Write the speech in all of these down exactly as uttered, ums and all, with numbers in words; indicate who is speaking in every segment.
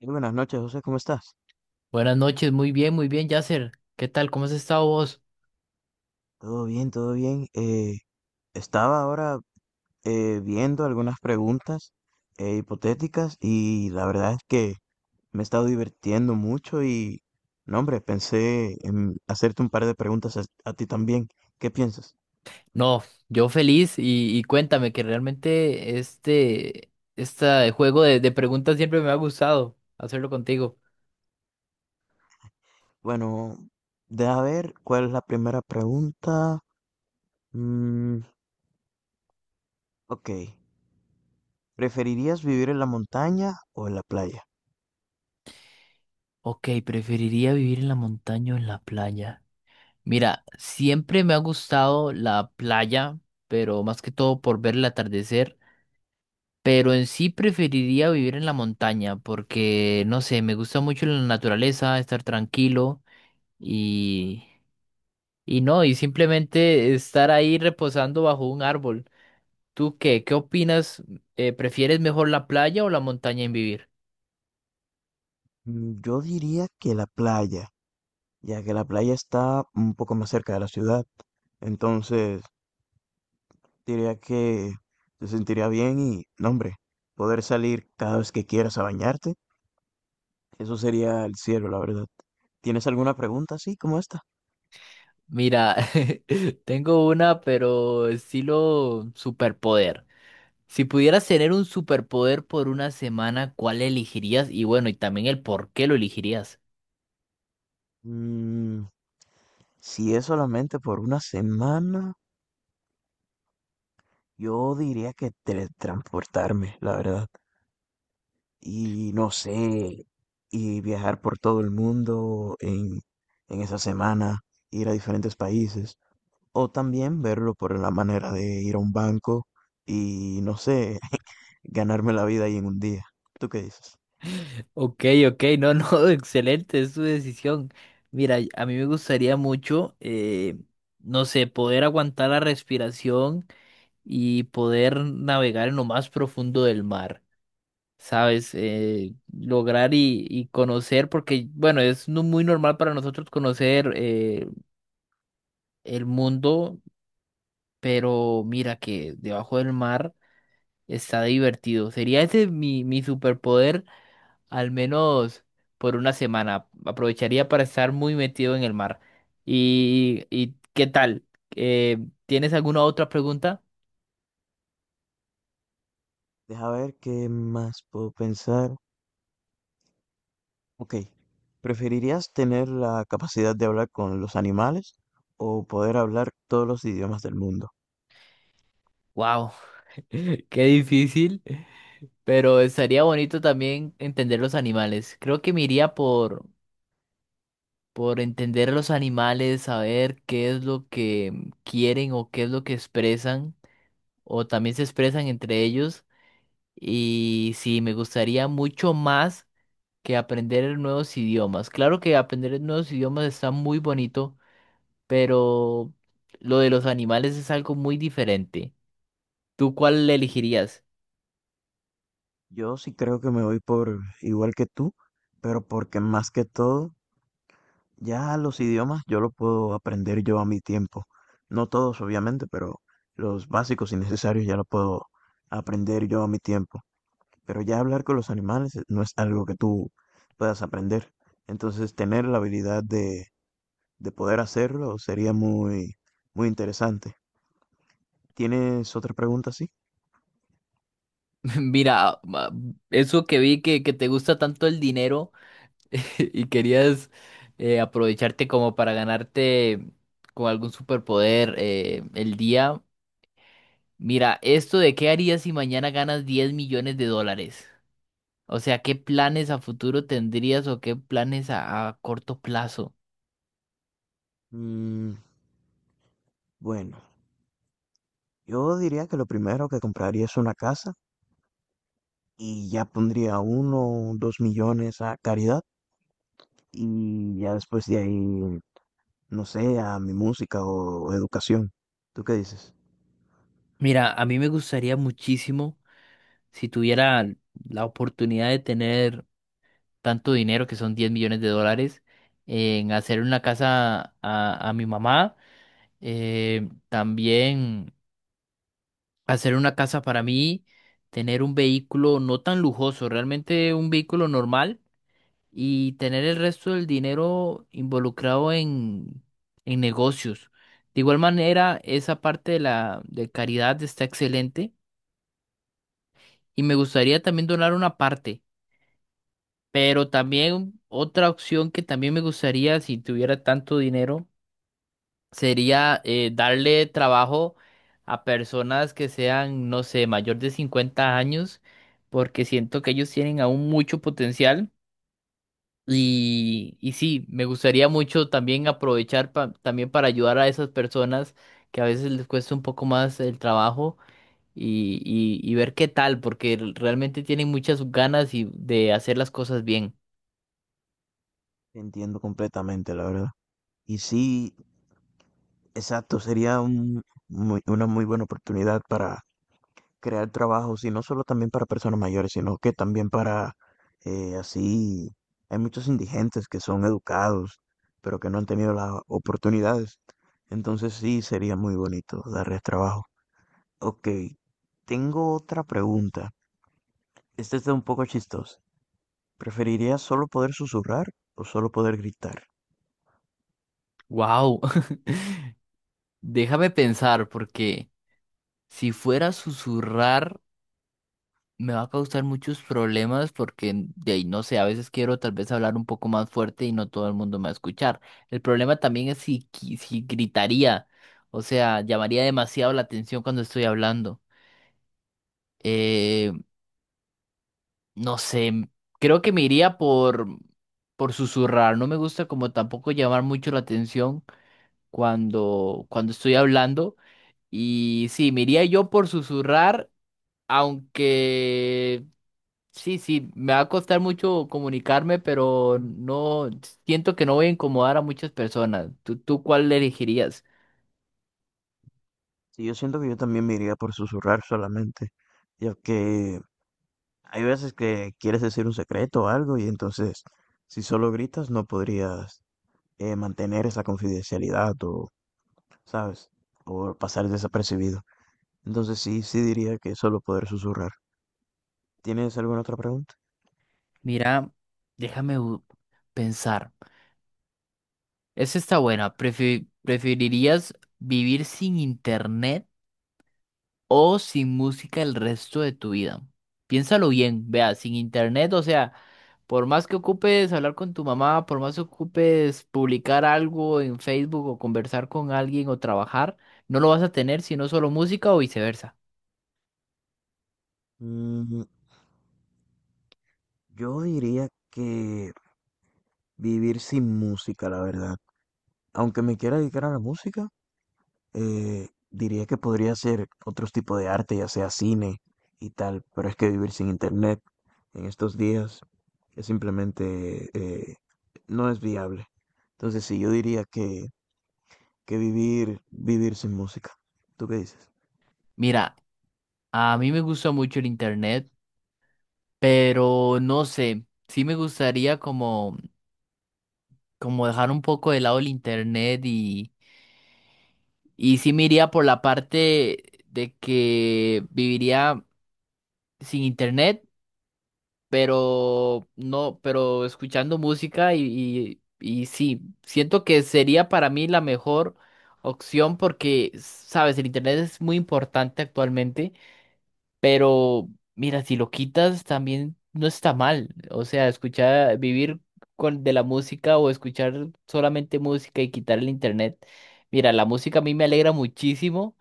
Speaker 1: Muy buenas noches, José, ¿cómo estás?
Speaker 2: Buenas noches, muy bien, muy bien, Yasser. ¿Qué tal? ¿Cómo has estado vos?
Speaker 1: Todo bien, todo bien. Eh, estaba ahora eh, viendo algunas preguntas eh, hipotéticas y la verdad es que me he estado divirtiendo mucho y, no, hombre, pensé en hacerte un par de preguntas a, a ti también. ¿Qué piensas?
Speaker 2: No, yo feliz y, y cuéntame que realmente este, este juego de, de preguntas siempre me ha gustado hacerlo contigo.
Speaker 1: Bueno, de a ver, ¿cuál es la primera pregunta? Mm, ok, ¿preferirías vivir en la montaña o en la playa?
Speaker 2: Ok, preferiría vivir en la montaña o en la playa. Mira, siempre me ha gustado la playa, pero más que todo por ver el atardecer. Pero en sí preferiría vivir en la montaña porque, no sé, me gusta mucho la naturaleza, estar tranquilo. Y no, y simplemente estar ahí reposando bajo un árbol. ¿Tú qué? ¿Qué opinas? Eh, ¿prefieres mejor la playa o la montaña en vivir?
Speaker 1: Mm, Yo diría que la playa, ya que la playa está un poco más cerca de la ciudad. Entonces, diría que se sentiría bien y, no, hombre, poder salir cada vez que quieras a bañarte, eso sería el cielo, la verdad. ¿Tienes alguna pregunta así como esta?
Speaker 2: Mira, tengo una, pero estilo superpoder. Si pudieras tener un superpoder por una semana, ¿cuál elegirías? Y bueno, y también el por qué lo elegirías.
Speaker 1: Mm, si es solamente por una semana, yo diría que teletransportarme, la verdad. Y no sé, y viajar por todo el mundo en, en esa semana, ir a diferentes países. O también verlo por la manera de ir a un banco y, no sé, ganarme la vida ahí en un día. ¿Tú qué dices?
Speaker 2: Ok, ok, no, no, excelente, es tu decisión. Mira, a mí me gustaría mucho, eh, no sé, poder aguantar la respiración y poder navegar en lo más profundo del mar, ¿sabes? Eh, lograr y, y conocer, porque, bueno, es no muy normal para nosotros conocer eh, el mundo, pero mira que debajo del mar está divertido. Sería ese mi, mi superpoder, al menos por una semana. Aprovecharía para estar muy metido en el mar. ¿Y, y qué tal? Eh, ¿Tienes alguna otra pregunta?
Speaker 1: Deja ver qué más puedo pensar. Ok, ¿preferirías tener la capacidad de hablar con los animales o poder hablar todos los idiomas del mundo?
Speaker 2: Wow, qué difícil. Pero estaría bonito también entender los animales. Creo que me iría por, por entender los animales, saber qué es lo que quieren o qué es lo que expresan, o también se expresan entre ellos. Y sí, me gustaría mucho más que aprender nuevos idiomas. Claro que aprender nuevos idiomas está muy bonito, pero lo de los animales es algo muy diferente. ¿Tú cuál elegirías?
Speaker 1: Yo sí creo que me voy por igual que tú, pero porque más que todo ya los idiomas yo los puedo aprender yo a mi tiempo. No todos, obviamente, pero los básicos y necesarios ya los puedo aprender yo a mi tiempo. Pero ya hablar con los animales eh, no es algo que tú puedas aprender. Entonces, tener la habilidad de, de poder hacerlo sería muy, muy interesante. ¿Tienes otra pregunta así?
Speaker 2: Mira, ah, ma- eso que vi que, que te gusta tanto el dinero. Y querías eh, aprovecharte como para ganarte con algún superpoder eh, el día. Mira, esto de qué harías si mañana ganas diez millones de dólares. O sea, ¿qué planes a futuro tendrías o qué planes a, a corto plazo?
Speaker 1: Mm, bueno, yo diría que lo primero que compraría es una casa y ya pondría uno o dos millones a caridad y ya después de ahí, no sé, a mi música o, o educación. ¿Tú qué dices?
Speaker 2: Mira, a mí me gustaría muchísimo si tuviera la oportunidad de tener tanto dinero, que son diez millones de dólares, en hacer una casa a, a mi mamá. Eh, también hacer una casa para mí, tener un vehículo no tan lujoso, realmente un vehículo normal y tener el resto del dinero involucrado en, en negocios. De igual manera, esa parte de la de caridad está excelente y me gustaría también donar una parte, pero también otra opción que también me gustaría si tuviera tanto dinero sería eh, darle trabajo a personas que sean, no sé, mayor de cincuenta años, porque siento que ellos tienen aún mucho potencial. Y, y sí, me gustaría mucho también aprovechar pa- también para ayudar a esas personas que a veces les cuesta un poco más el trabajo y, y, y ver qué tal, porque realmente tienen muchas ganas y de hacer las cosas bien.
Speaker 1: Entiendo completamente, la verdad. Y sí, exacto, sería un, muy- una muy buena oportunidad para crear trabajos y no solo también para personas mayores, sino que también para eh, así, hay muchos indigentes que son educados, pero que no han tenido las oportunidades. Entonces sí, sería muy bonito darles trabajo. Ok, tengo otra pregunta. Esta está un poco chistosa. ¿Preferirías solo poder susurrar o solo poder gritar?
Speaker 2: ¡Wow! Déjame pensar, porque si fuera a susurrar me va a causar muchos problemas porque en- de ahí no sé, a veces quiero tal vez hablar un poco más fuerte y no todo el mundo me va a escuchar. El problema también es si, qui- si gritaría, o sea, llamaría demasiado la atención cuando estoy hablando. Eh, no sé, m- creo que me iría por, por susurrar, no me gusta como tampoco llamar mucho la atención cuando, cuando estoy hablando y sí, me iría yo por susurrar, aunque... Sí, sí, me va a costar mucho comunicarme, pero no siento que no voy a incomodar a muchas personas. ¿Tú, tú cuál elegirías?
Speaker 1: Sí, yo siento que yo también me iría por susurrar solamente, ya que hay veces que quieres decir un secreto o algo y entonces si solo gritas no podrías eh, mantener esa confidencialidad o, ¿sabes? O pasar desapercibido. Entonces sí, sí diría que solo poder susurrar. ¿Tienes alguna otra pregunta?
Speaker 2: Mira, déjame bu- pensar. Esa está buena. Prefi- ¿preferirías vivir sin internet o sin música el resto de tu vida? Piénsalo bien, vea, sin internet, o sea, por más que ocupes hablar con tu mamá, por más que ocupes publicar algo en Facebook o conversar con alguien o trabajar, no lo vas a tener sino solo música o viceversa.
Speaker 1: Mm, yo diría que vivir sin música, la verdad. Aunque me quiera dedicar a la música. Eh, diría que podría hacer otros tipos de arte, ya sea cine y tal, pero es que vivir sin internet en estos días es simplemente eh, no es viable. Entonces, sí, yo diría que, que vivir, vivir sin música. ¿Tú qué dices?
Speaker 2: Mira, a mí me gusta mucho el internet, pero no sé, sí me gustaría como, como dejar un poco de lado el internet. y... Y sí me iría por la parte de que viviría sin internet, pero no, pero escuchando música y, y, y sí, siento que sería para mí la mejor opción porque, sabes, el internet es muy importante actualmente, pero mira, si lo quitas también no está mal. O sea, escuchar, vivir con, de la música o escuchar solamente música y quitar el internet. Mira, la música a mí me alegra muchísimo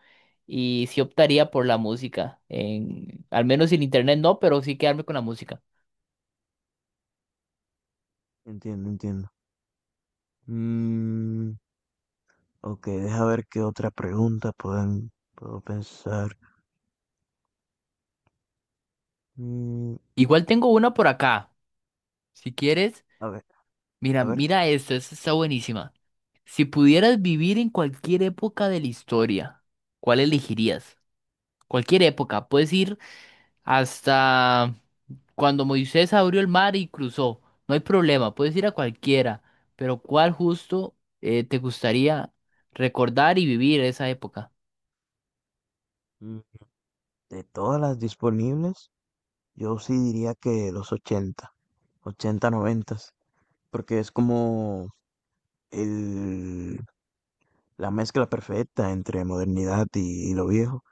Speaker 2: y sí optaría por la música. En, al menos sin internet no, pero sí quedarme con la música.
Speaker 1: Entiendo, entiendo. Mm, ok, deja ver qué otra pregunta pueden, puedo pensar. Mm,
Speaker 2: Igual tengo una por acá. Si quieres,
Speaker 1: a ver,
Speaker 2: mira,
Speaker 1: a ver.
Speaker 2: mira esto, esta está buenísima. Si pudieras vivir en cualquier época de la historia, ¿cuál elegirías? Cualquier época, puedes ir hasta cuando Moisés abrió el mar y cruzó. No hay problema, puedes ir a cualquiera, pero ¿cuál justo eh, te gustaría recordar y vivir esa época?
Speaker 1: Mm, De todas las disponibles. Yo sí diría que los ochenta ochenta noventa, porque es como el, la mezcla perfecta entre modernidad y, y lo viejo.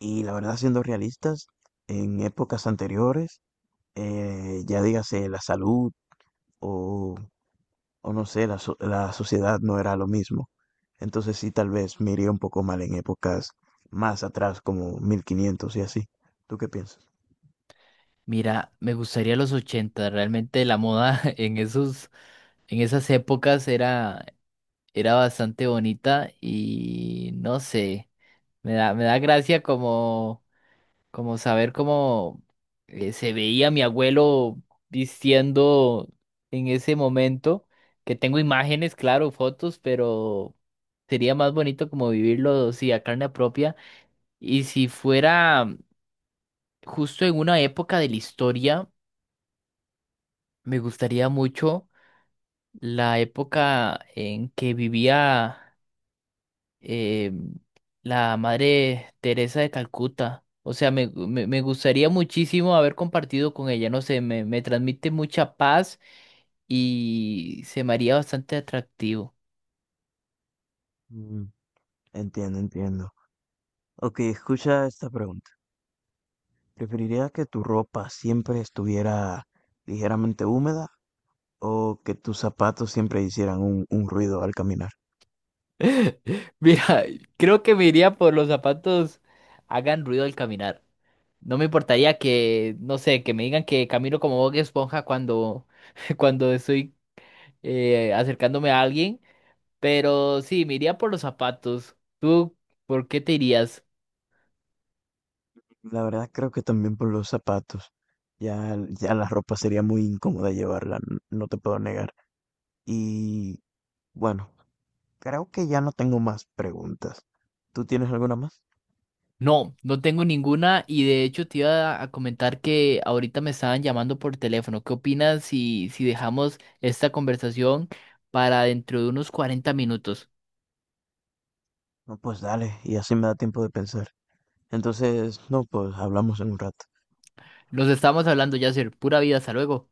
Speaker 1: Y la verdad, siendo realistas, en épocas anteriores, eh, ya dígase la salud o, o no sé, la, so- la sociedad no era lo mismo. Entonces sí, tal vez me iría un poco mal en épocas más atrás, como mil quinientos y así. ¿Tú qué piensas?
Speaker 2: Mira, me gustaría los ochenta. Realmente la moda en esos, en esas épocas era, era bastante bonita y no sé, me da, me da gracia como. Como saber cómo eh, se veía mi abuelo vistiendo en ese momento, que tengo imágenes, claro, fotos, pero sería más bonito como vivirlo, sí, a carne propia. Y si fuera justo en una época de la historia, me gustaría mucho la época en que vivía eh, la madre Teresa de Calcuta. O sea, me, me- me gustaría muchísimo haber compartido con ella. No sé, me, me transmite mucha paz y se me haría bastante atractivo.
Speaker 1: Mm, Entiendo, entiendo. Ok, escucha esta pregunta. ¿Preferirías que tu ropa siempre estuviera ligeramente húmeda o que tus zapatos siempre hicieran un, un ruido al caminar?
Speaker 2: Mira, creo que me iría por los zapatos hagan ruido al caminar. No me importaría que, no sé, que me digan que camino como Bob Esponja cuando, cuando estoy eh, acercándome a alguien. Pero sí, me iría por los zapatos. ¿Tú por qué te irías?
Speaker 1: La verdad creo que también por los zapatos. Ya, ya la ropa sería muy incómoda llevarla, n- no te puedo negar. Y bueno, creo que ya no tengo más preguntas. ¿Tú tienes alguna más?
Speaker 2: No, no tengo ninguna y de hecho te iba a comentar que ahorita me estaban llamando por teléfono. ¿Qué opinas si, si dejamos esta conversación para dentro de unos cuarenta minutos?
Speaker 1: No, pues dale, y así me da tiempo de pensar. Entonces, no, pues hablamos en un rato.
Speaker 2: Nos estamos hablando, Yasser. Pura vida, hasta luego.